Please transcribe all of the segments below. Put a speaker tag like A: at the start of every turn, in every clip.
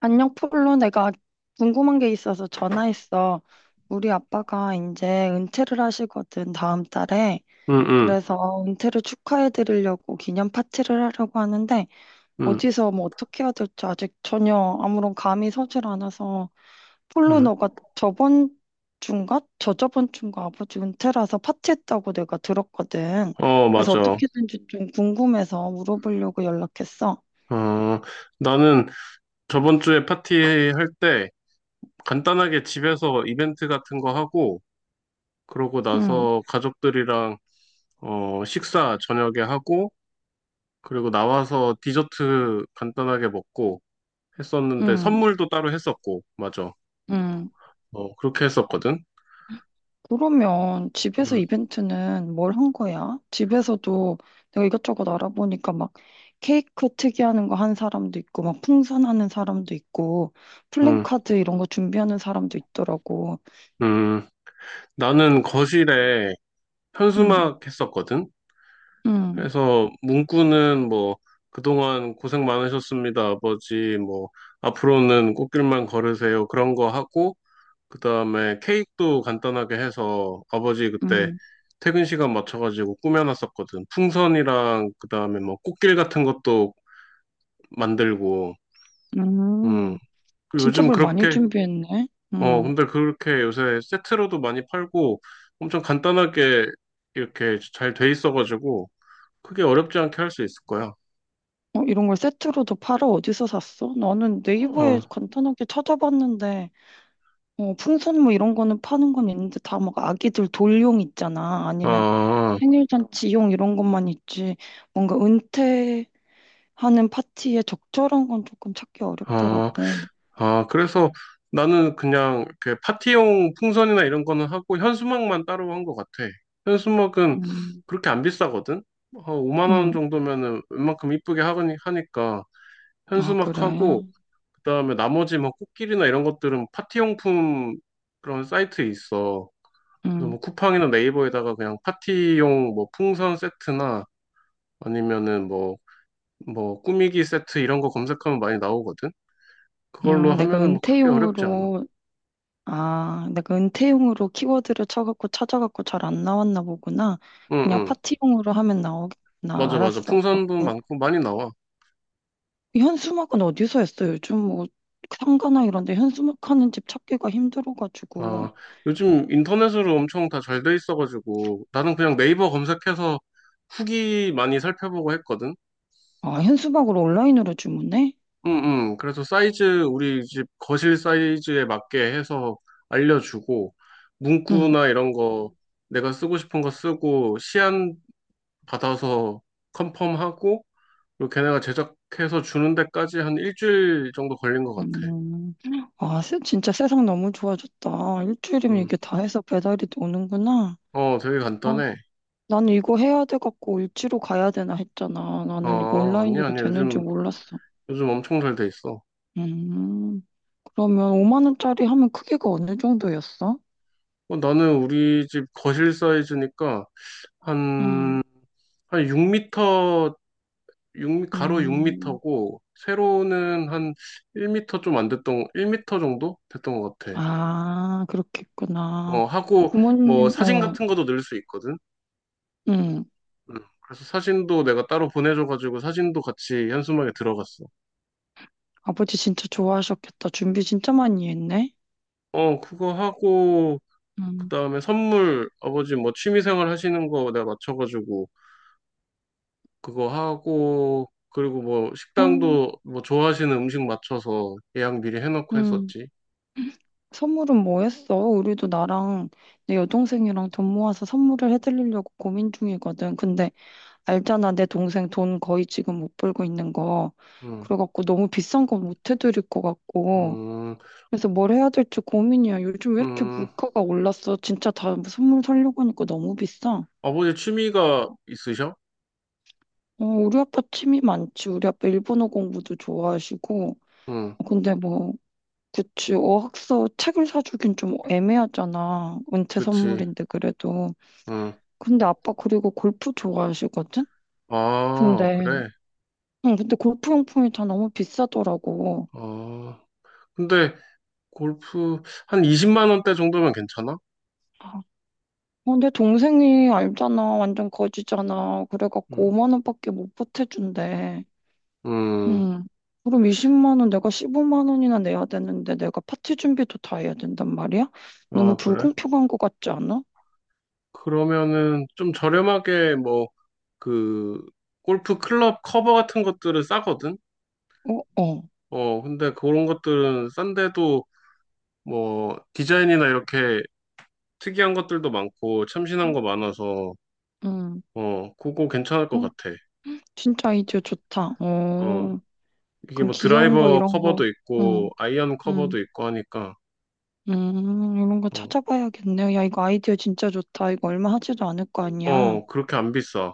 A: 안녕, 폴로. 내가 궁금한 게 있어서 전화했어. 우리 아빠가 이제 은퇴를 하시거든, 다음 달에.
B: 응, 응,
A: 그래서 은퇴를 축하해 드리려고 기념 파티를 하려고 하는데,
B: 응,
A: 어디서 뭐 어떻게 해야 될지 아직 전혀 아무런 감이 서질 않아서, 폴로
B: 응.
A: 너가 저번 주인가? 저저번 주인가 아버지 은퇴라서 파티했다고 내가 들었거든.
B: 어,
A: 그래서
B: 맞아.
A: 어떻게든지 좀 궁금해서 물어보려고 연락했어.
B: 어, 나는 저번 주에 파티 할 때 간단하게 집에서 이벤트 같은 거 하고, 그러고
A: 응,
B: 나서 가족들이랑 식사 저녁에 하고, 그리고 나와서 디저트 간단하게 먹고 했었는데
A: 응,
B: 선물도 따로 했었고, 맞아.
A: 응.
B: 어, 그렇게 했었거든.
A: 그러면 집에서
B: 응,
A: 이벤트는 뭘 한 거야? 집에서도 내가 이것저것 알아보니까 막 케이크 특이하는 거 한 사람도 있고, 막 풍선하는 사람도 있고,
B: 응,
A: 플랜카드 이런 거 준비하는 사람도 있더라고.
B: 응. 나는 거실에
A: 응,
B: 현수막 했었거든.
A: 응,
B: 그래서 문구는 뭐 그동안 고생 많으셨습니다, 아버지. 뭐 앞으로는 꽃길만 걸으세요. 그런 거 하고 그다음에 케이크도 간단하게 해서 아버지 그때
A: 응,
B: 퇴근 시간 맞춰가지고 꾸며놨었거든. 풍선이랑 그다음에 뭐 꽃길 같은 것도 만들고. 음.
A: 응.
B: 그리고
A: 진짜
B: 요즘
A: 뭘 많이
B: 그렇게
A: 준비했네.
B: 어
A: 응.
B: 근데 그렇게 요새 세트로도 많이 팔고 엄청 간단하게 이렇게 잘 돼 있어가지고 크게 어렵지 않게 할 수 있을 거야.
A: 어, 이런 걸 세트로도 팔아? 어디서 샀어? 나는 네이버에
B: 어.
A: 간단하게 찾아봤는데, 어, 풍선 뭐 이런 거는 파는 건 있는데 다 막 아기들 돌용 있잖아. 아니면
B: 아,
A: 생일잔치용 이런 것만 있지, 뭔가 은퇴하는 파티에 적절한 건 조금 찾기
B: 아,
A: 어렵더라고.
B: 아, 그래서 나는 그냥 이렇게 파티용 풍선이나 이런 거는 하고 현수막만 따로 한 것 같아. 현수막은
A: 음,
B: 그렇게 안 비싸거든? 한 5만 원
A: 음,
B: 정도면은 웬만큼 이쁘게 하니까
A: 아, 그래.
B: 현수막하고 그다음에 나머지 뭐 꽃길이나 이런 것들은 파티용품 그런 사이트 있어. 그래서
A: 음,
B: 뭐 쿠팡이나 네이버에다가 그냥 파티용 뭐 풍선 세트나 아니면은 뭐 꾸미기 세트 이런 거 검색하면 많이 나오거든. 그걸로
A: 내가
B: 하면은 뭐 크게 어렵지 않아.
A: 은퇴용으로, 아, 내가 은퇴용으로 키워드를 쳐갖고 찾아갖고 잘 안 나왔나 보구나.
B: 응,
A: 그냥
B: 응.
A: 파티용으로 하면 나오겠구나.
B: 맞아, 맞아.
A: 알았어.
B: 풍선도
A: 그렇게.
B: 많고 많이 나와.
A: 현수막은 어디서 했어? 요즘 뭐 상가나 이런 데 현수막 하는 집 찾기가 힘들어가지고.
B: 아, 요즘 인터넷으로 엄청 다 잘 돼 있어가지고 나는 그냥 네이버 검색해서 후기 많이 살펴보고 했거든.
A: 아, 현수막으로 온라인으로 주문해?
B: 응, 응. 그래서 사이즈, 우리 집 거실 사이즈에 맞게 해서 알려주고
A: 응.
B: 문구나 이런 거 내가 쓰고 싶은 거 쓰고 시안 받아서 컨펌하고 그리고 걔네가 제작해서 주는 데까지 한 일주일 정도 걸린 것 같아.
A: 음. 아, 진짜 세상 너무 좋아졌다. 일주일이면
B: 응.
A: 이게 다 해서 배달이 오는구나.
B: 어, 되게
A: 어,
B: 간단해.
A: 나는 이거 해야 돼갖고 일지로 가야 되나 했잖아. 나는 이거
B: 아,
A: 온라인으로
B: 아니야, 아니야.
A: 되는지
B: 요즘,
A: 몰랐어.
B: 요즘 엄청 잘 돼 있어.
A: 음, 그러면 5만 원짜리 하면 크기가 어느 정도였어?
B: 어, 나는 우리 집 거실 사이즈니까
A: 음,
B: 한, 6미터, 가로
A: 음.
B: 6미터고, 세로는 한 1미터 좀 안 됐던, 1미터 정도 됐던 것 같아.
A: 아,
B: 어,
A: 그렇겠구나.
B: 하고, 뭐,
A: 부모님,
B: 사진
A: 어,
B: 같은 것도 넣을 수 있거든.
A: 음.
B: 음, 그래서 사진도 내가 따로 보내줘가지고 사진도 같이 현수막에 들어갔어.
A: 아버지 진짜 좋아하셨겠다. 준비 진짜 많이 했네.
B: 어, 그거 하고, 그
A: 음,
B: 다음에 선물, 아버지 뭐 취미생활 하시는 거 내가 맞춰가지고 그거 하고 그리고 뭐
A: 어,
B: 식당도 뭐 좋아하시는 음식 맞춰서 예약 미리 해놓고
A: 음.
B: 했었지.
A: 선물은 뭐였어? 우리도 나랑 내 여동생이랑 돈 모아서 선물을 해드리려고 고민 중이거든. 근데 알잖아, 내 동생 돈 거의 지금 못 벌고 있는 거.
B: 응,
A: 그래갖고 너무 비싼 건 못 해드릴 것 같고.
B: 음,
A: 그래서 뭘 해야 될지 고민이야. 요즘 왜 이렇게
B: 음,
A: 물가가 올랐어? 진짜 다 선물 사려고 하니까 너무 비싸.
B: 아버지 취미가 있으셔?
A: 어, 우리 아빠 취미 많지. 우리 아빠 일본어 공부도 좋아하시고.
B: 응,
A: 근데 뭐, 그치, 어학서 책을 사주긴 좀 애매하잖아. 은퇴
B: 그치.
A: 선물인데 그래도.
B: 응,
A: 근데 아빠 그리고 골프 좋아하시거든?
B: 아,
A: 근데,
B: 그래.
A: 응, 근데 골프 용품이 다 너무 비싸더라고.
B: 아, 근데 골프 한 20만 원대 정도면 괜찮아?
A: 아, 어, 내 동생이 알잖아. 완전 거지잖아. 그래갖고
B: 응,
A: 5만 원밖에 못 보태준대.
B: 음,
A: 응. 그럼 20만 원 내가 15만 원이나 내야 되는데 내가 파티 준비도 다 해야 된단 말이야? 너무
B: 아, 그래.
A: 불공평한 것 같지 않아?
B: 그러면은 좀 저렴하게 뭐 그 골프 클럽 커버 같은 것들은 싸거든?
A: 어, 어.
B: 어, 근데 그런 것들은 싼데도 뭐 디자인이나 이렇게 특이한 것들도 많고 참신한 거 많아서
A: 응.
B: 어 그거 괜찮을 것
A: 어,
B: 같아.
A: 진짜 아이디어 좋다. 어.
B: 어 이게
A: 그냥
B: 뭐
A: 귀여운 거
B: 드라이버
A: 이런 거.
B: 커버도 있고
A: 응.
B: 아이언
A: 응.
B: 커버도 있고 하니까
A: 이런 거
B: 어,
A: 찾아봐야겠네요. 야, 이거 아이디어 진짜 좋다. 이거 얼마 하지도 않을 거 아니야.
B: 어 그렇게 안 비싸.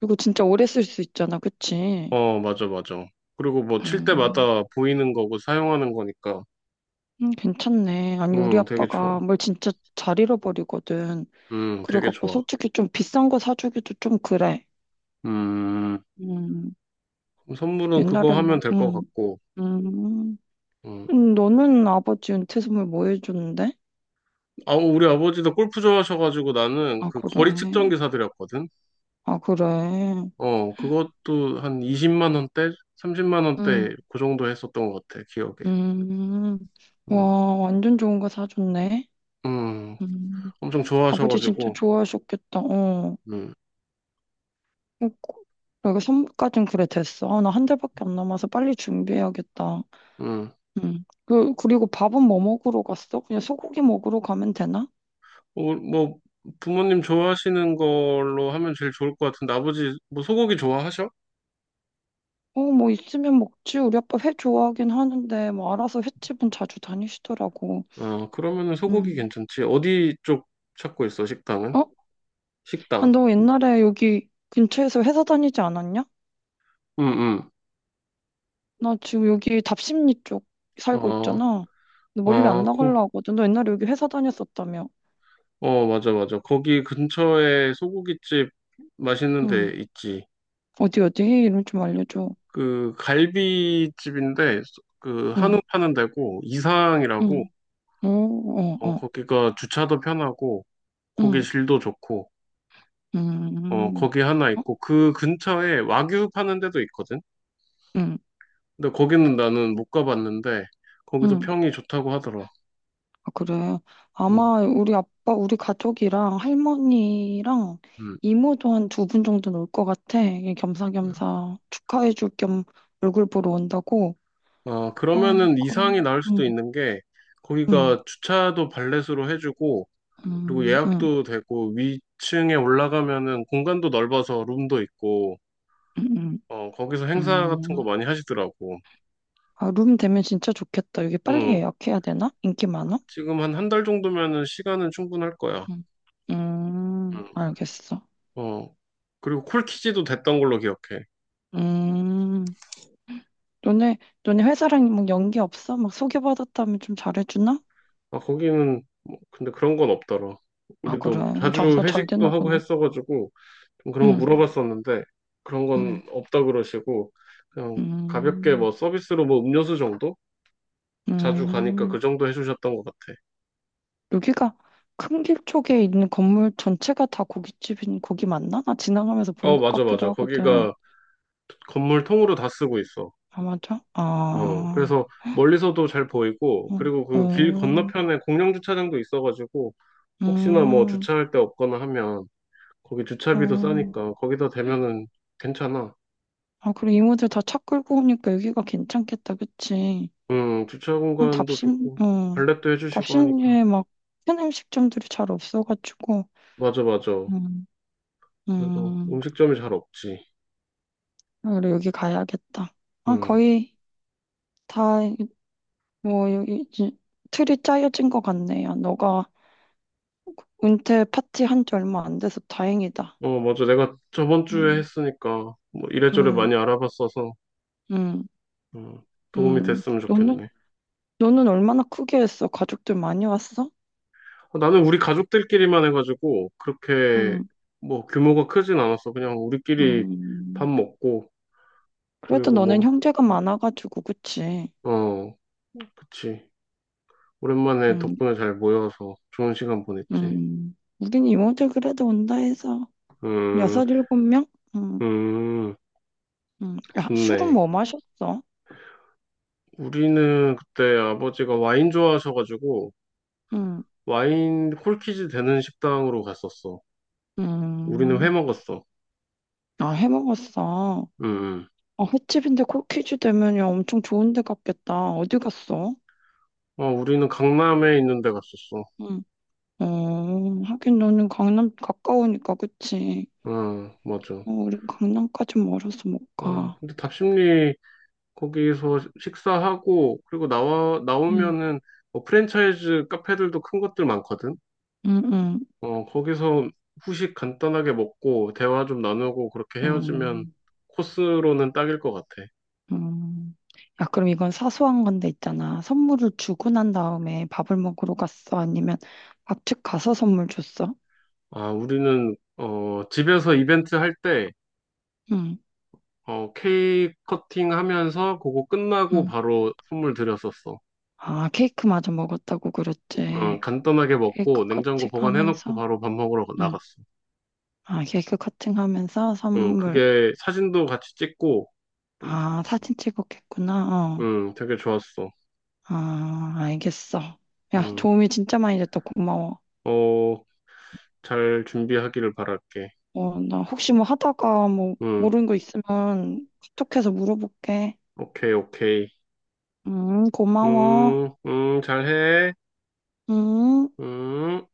A: 그리고 진짜 오래 쓸 수 있잖아. 그치?
B: 어 맞아 맞아. 그리고 뭐 칠
A: 음,
B: 때마다 보이는 거고 사용하는 거니까
A: 괜찮네. 아니, 우리
B: 되게 좋아.
A: 아빠가 뭘 진짜 잘 잃어버리거든.
B: 되게
A: 그래갖고
B: 좋아.
A: 솔직히 좀 비싼 거 사주기도 좀 그래.
B: 음
A: 음,
B: 선물은 그거
A: 옛날에
B: 하면
A: 뭐,
B: 될 것 같고.
A: 음.
B: 음.
A: 너는 아버지 은퇴 선물 뭐 해줬는데?
B: 아, 우리 아버지도 골프 좋아하셔가지고 나는
A: 아,
B: 그
A: 그래.
B: 거리 측정기 사드렸거든.
A: 아, 그래.
B: 어, 그것도 한 20만 원대, 30만 원대
A: 음,
B: 그 정도 했었던 것 같아, 기억에.
A: 음.
B: 음,
A: 와, 완전 좋은 거 사줬네.
B: 음,
A: 음.
B: 엄청
A: 아버지 진짜
B: 좋아하셔가지고,
A: 좋아하셨겠다. 어.
B: 음,
A: 어, 내가 선물까진 그래 됐어. 아, 나 한 달밖에 안 남아서 빨리 준비해야겠다.
B: 음.
A: 음. 그리고 밥은 뭐 먹으러 갔어? 그냥 소고기 먹으러 가면 되나?
B: 어, 뭐 부모님 좋아하시는 걸로 하면 제일 좋을 것 같은데 아버지 뭐 소고기 좋아하셔?
A: 어, 뭐 있으면 먹지. 우리 아빠 회 좋아하긴 하는데 뭐 알아서 횟집은 자주 다니시더라고.
B: 어, 그러면은 소고기
A: 음.
B: 괜찮지. 어디 쪽 찾고 있어, 식당은?
A: 어? 아,
B: 식당.
A: 너 옛날에 여기 근처에서 회사 다니지 않았냐?
B: 음, 음.
A: 나 지금 여기 답십리 쪽 살고
B: 어,
A: 있잖아. 너 멀리 안
B: 아, 고,
A: 나가려고 하거든. 너 옛날에 여기 회사 다녔었다며.
B: 맞아, 맞아. 거기 근처에 소고기집 맛있는
A: 응.
B: 데 있지.
A: 어디 어디 이름 좀 알려줘.
B: 그 갈비집인데 그 한우
A: 응,
B: 파는 데고 이상이라고
A: 응, 어, 어,
B: 어
A: 어,
B: 거기가 주차도 편하고 고기
A: 응,
B: 질도 좋고
A: 음,
B: 어
A: 음.
B: 거기 하나
A: 어,
B: 있고 그 근처에 와규 파는 데도 있거든.
A: 응,
B: 근데 거기는 나는 못 가봤는데 거기도
A: 응.
B: 평이 좋다고 하더라.
A: 아, 그래.
B: 음,
A: 아마 우리 아빠, 우리 가족이랑 할머니랑
B: 음.
A: 이모도 한 두 분 정도는 올 것 같아. 이게 겸사겸사 축하해줄 겸 얼굴 보러 온다고. 어,
B: 그러면은 이상이
A: 그럼.
B: 나을 수도
A: 응,
B: 있는 게
A: 응,
B: 거기가 주차도 발렛으로 해주고 그리고
A: 응, 응,
B: 예약도 되고 위층에 올라가면은 공간도 넓어서 룸도 있고
A: 응, 응.
B: 어, 거기서 행사 같은 거
A: 응.
B: 많이 하시더라고.
A: 아, 룸 되면 진짜 좋겠다. 여기 빨리
B: 응.
A: 예약해야 되나? 인기 많아?
B: 지금 한 한 달 정도면은 시간은 충분할 거야.
A: 응.
B: 응.
A: 알겠어.
B: 어. 그리고 콜키지도 됐던 걸로 기억해.
A: 음, 너네, 너네 회사랑 뭐 연기 없어? 막 소개받았다면 좀 잘해주나?
B: 아, 거기는 뭐, 근데 그런 건 없더라.
A: 아, 그래.
B: 우리도 자주
A: 장사 잘
B: 회식도
A: 되나
B: 하고
A: 보네.
B: 했어가지고 좀 그런 거
A: 응,
B: 물어봤었는데 그런
A: 응,
B: 건 없다 그러시고 그냥 가볍게
A: 음,
B: 뭐 서비스로 뭐 음료수 정도? 자주 가니까 그
A: 음.
B: 정도 해주셨던 것 같아.
A: 여기가 큰길 쪽에 있는 건물 전체가 다 고깃집인 고기 맞나? 나 지나가면서 본
B: 어,
A: 것
B: 맞아,
A: 같기도
B: 맞아.
A: 하거든.
B: 거기가 건물 통으로 다 쓰고 있어.
A: 아, 맞아?
B: 어,
A: 아,
B: 그래서 멀리서도 잘 보이고,
A: 응,
B: 그리고 그 길
A: 음,
B: 건너편에 공영 주차장도 있어가지고, 혹시나 뭐
A: 음,
B: 주차할 데 없거나 하면, 거기 주차비도
A: 어.
B: 싸니까, 거기다 대면은 괜찮아.
A: 아, 그래. 이모들 다 차 끌고 오니까 여기가 괜찮겠다, 그치?
B: 주차
A: 어,
B: 공간도
A: 답심,
B: 좋고,
A: 음,
B: 발렛도 해주시고 하니까.
A: 답심리에 막큰 음식점들이 잘 없어가지고,
B: 맞아, 맞아.
A: 음,
B: 그리고
A: 음,
B: 음식점이 잘 없지.
A: 아, 그래, 여기 가야겠다. 아,
B: 음,
A: 거의 다, 뭐, 여기 이제 틀이 짜여진 것 같네요. 너가 은퇴 파티 한지 얼마 안 돼서 다행이다.
B: 어, 맞아. 내가 저번 주에
A: 음,
B: 했으니까, 뭐 이래저래
A: 음,
B: 많이 알아봤어서,
A: 음,
B: 음, 도움이
A: 음.
B: 됐으면
A: 너는,
B: 좋겠네.
A: 너는 얼마나 크게 했어? 가족들 많이 왔어?
B: 어, 나는 우리 가족들끼리만 해가지고 그렇게
A: 음,
B: 뭐 규모가 크진 않았어. 그냥 우리끼리 밥
A: 음.
B: 먹고
A: 그래도
B: 그리고
A: 너는
B: 뭐,
A: 형제가 많아가지고, 그치?
B: 어, 그치. 오랜만에
A: 음,
B: 덕분에 잘 모여서 좋은 시간 보냈지.
A: 우린 이모들 그래도 온다 해서
B: 음,
A: 6, 7명? 음,
B: 음,
A: 야, 술은
B: 좋네.
A: 뭐 마셨어?
B: 우리는 그때 아버지가 와인 좋아하셔가지고
A: 음,
B: 와인 콜키지 되는 식당으로 갔었어. 우리는 회
A: 음.
B: 먹었어.
A: 아, 해 먹었어.
B: 음, 음.
A: 아, 횟집인데 코키즈 되면 야, 엄청 좋은 데 갔겠다. 어디 갔어?
B: 어, 우리는 강남에 있는 데 갔었어.
A: 음. 어, 하긴 너는 강남 가까우니까 그치?
B: 응, 맞아.
A: 어, 우린 강남까지 멀어서 못
B: 어,
A: 가.
B: 근데 답심리 거기서 식사하고 그리고 나와
A: 음,
B: 나오면은 뭐 프랜차이즈 카페들도 큰 것들 많거든.
A: 음, 음,
B: 어, 거기서 후식 간단하게 먹고 대화 좀 나누고 그렇게 헤어지면
A: 음.
B: 코스로는 딱일 것 같아.
A: 음, 야, 그럼 이건 사소한 건데 있잖아. 선물을 주고 난 다음에 밥을 먹으러 갔어? 아니면 밥집 가서 선물 줬어?
B: 아, 우리는 집에서 이벤트 할 때
A: 응,
B: 어, 케이크 커팅 하면서 그거 끝나고
A: 응.
B: 바로 선물 드렸었어.
A: 아, 케이크마저 먹었다고
B: 어,
A: 그랬지.
B: 간단하게
A: 케이크
B: 먹고 냉장고
A: 커팅
B: 보관해놓고
A: 하면서?
B: 바로 밥 먹으러
A: 응.
B: 나갔어.
A: 아, 케이크 커팅 하면서
B: 응,
A: 선물.
B: 그게 사진도 같이 찍고 좀,
A: 아, 사진 찍었겠구나. 어.
B: 응, 되게 좋았어.
A: 아, 알겠어. 야,
B: 음,
A: 도움이 진짜 많이 됐다. 고마워.
B: 어, 잘 준비하기를 바랄게.
A: 어, 나 혹시 뭐 하다가 뭐
B: 음,
A: 모르는 거 있으면 카톡해서 물어볼게.
B: 오케이, 오케이.
A: 고마워.
B: 잘해.
A: 음,
B: 음.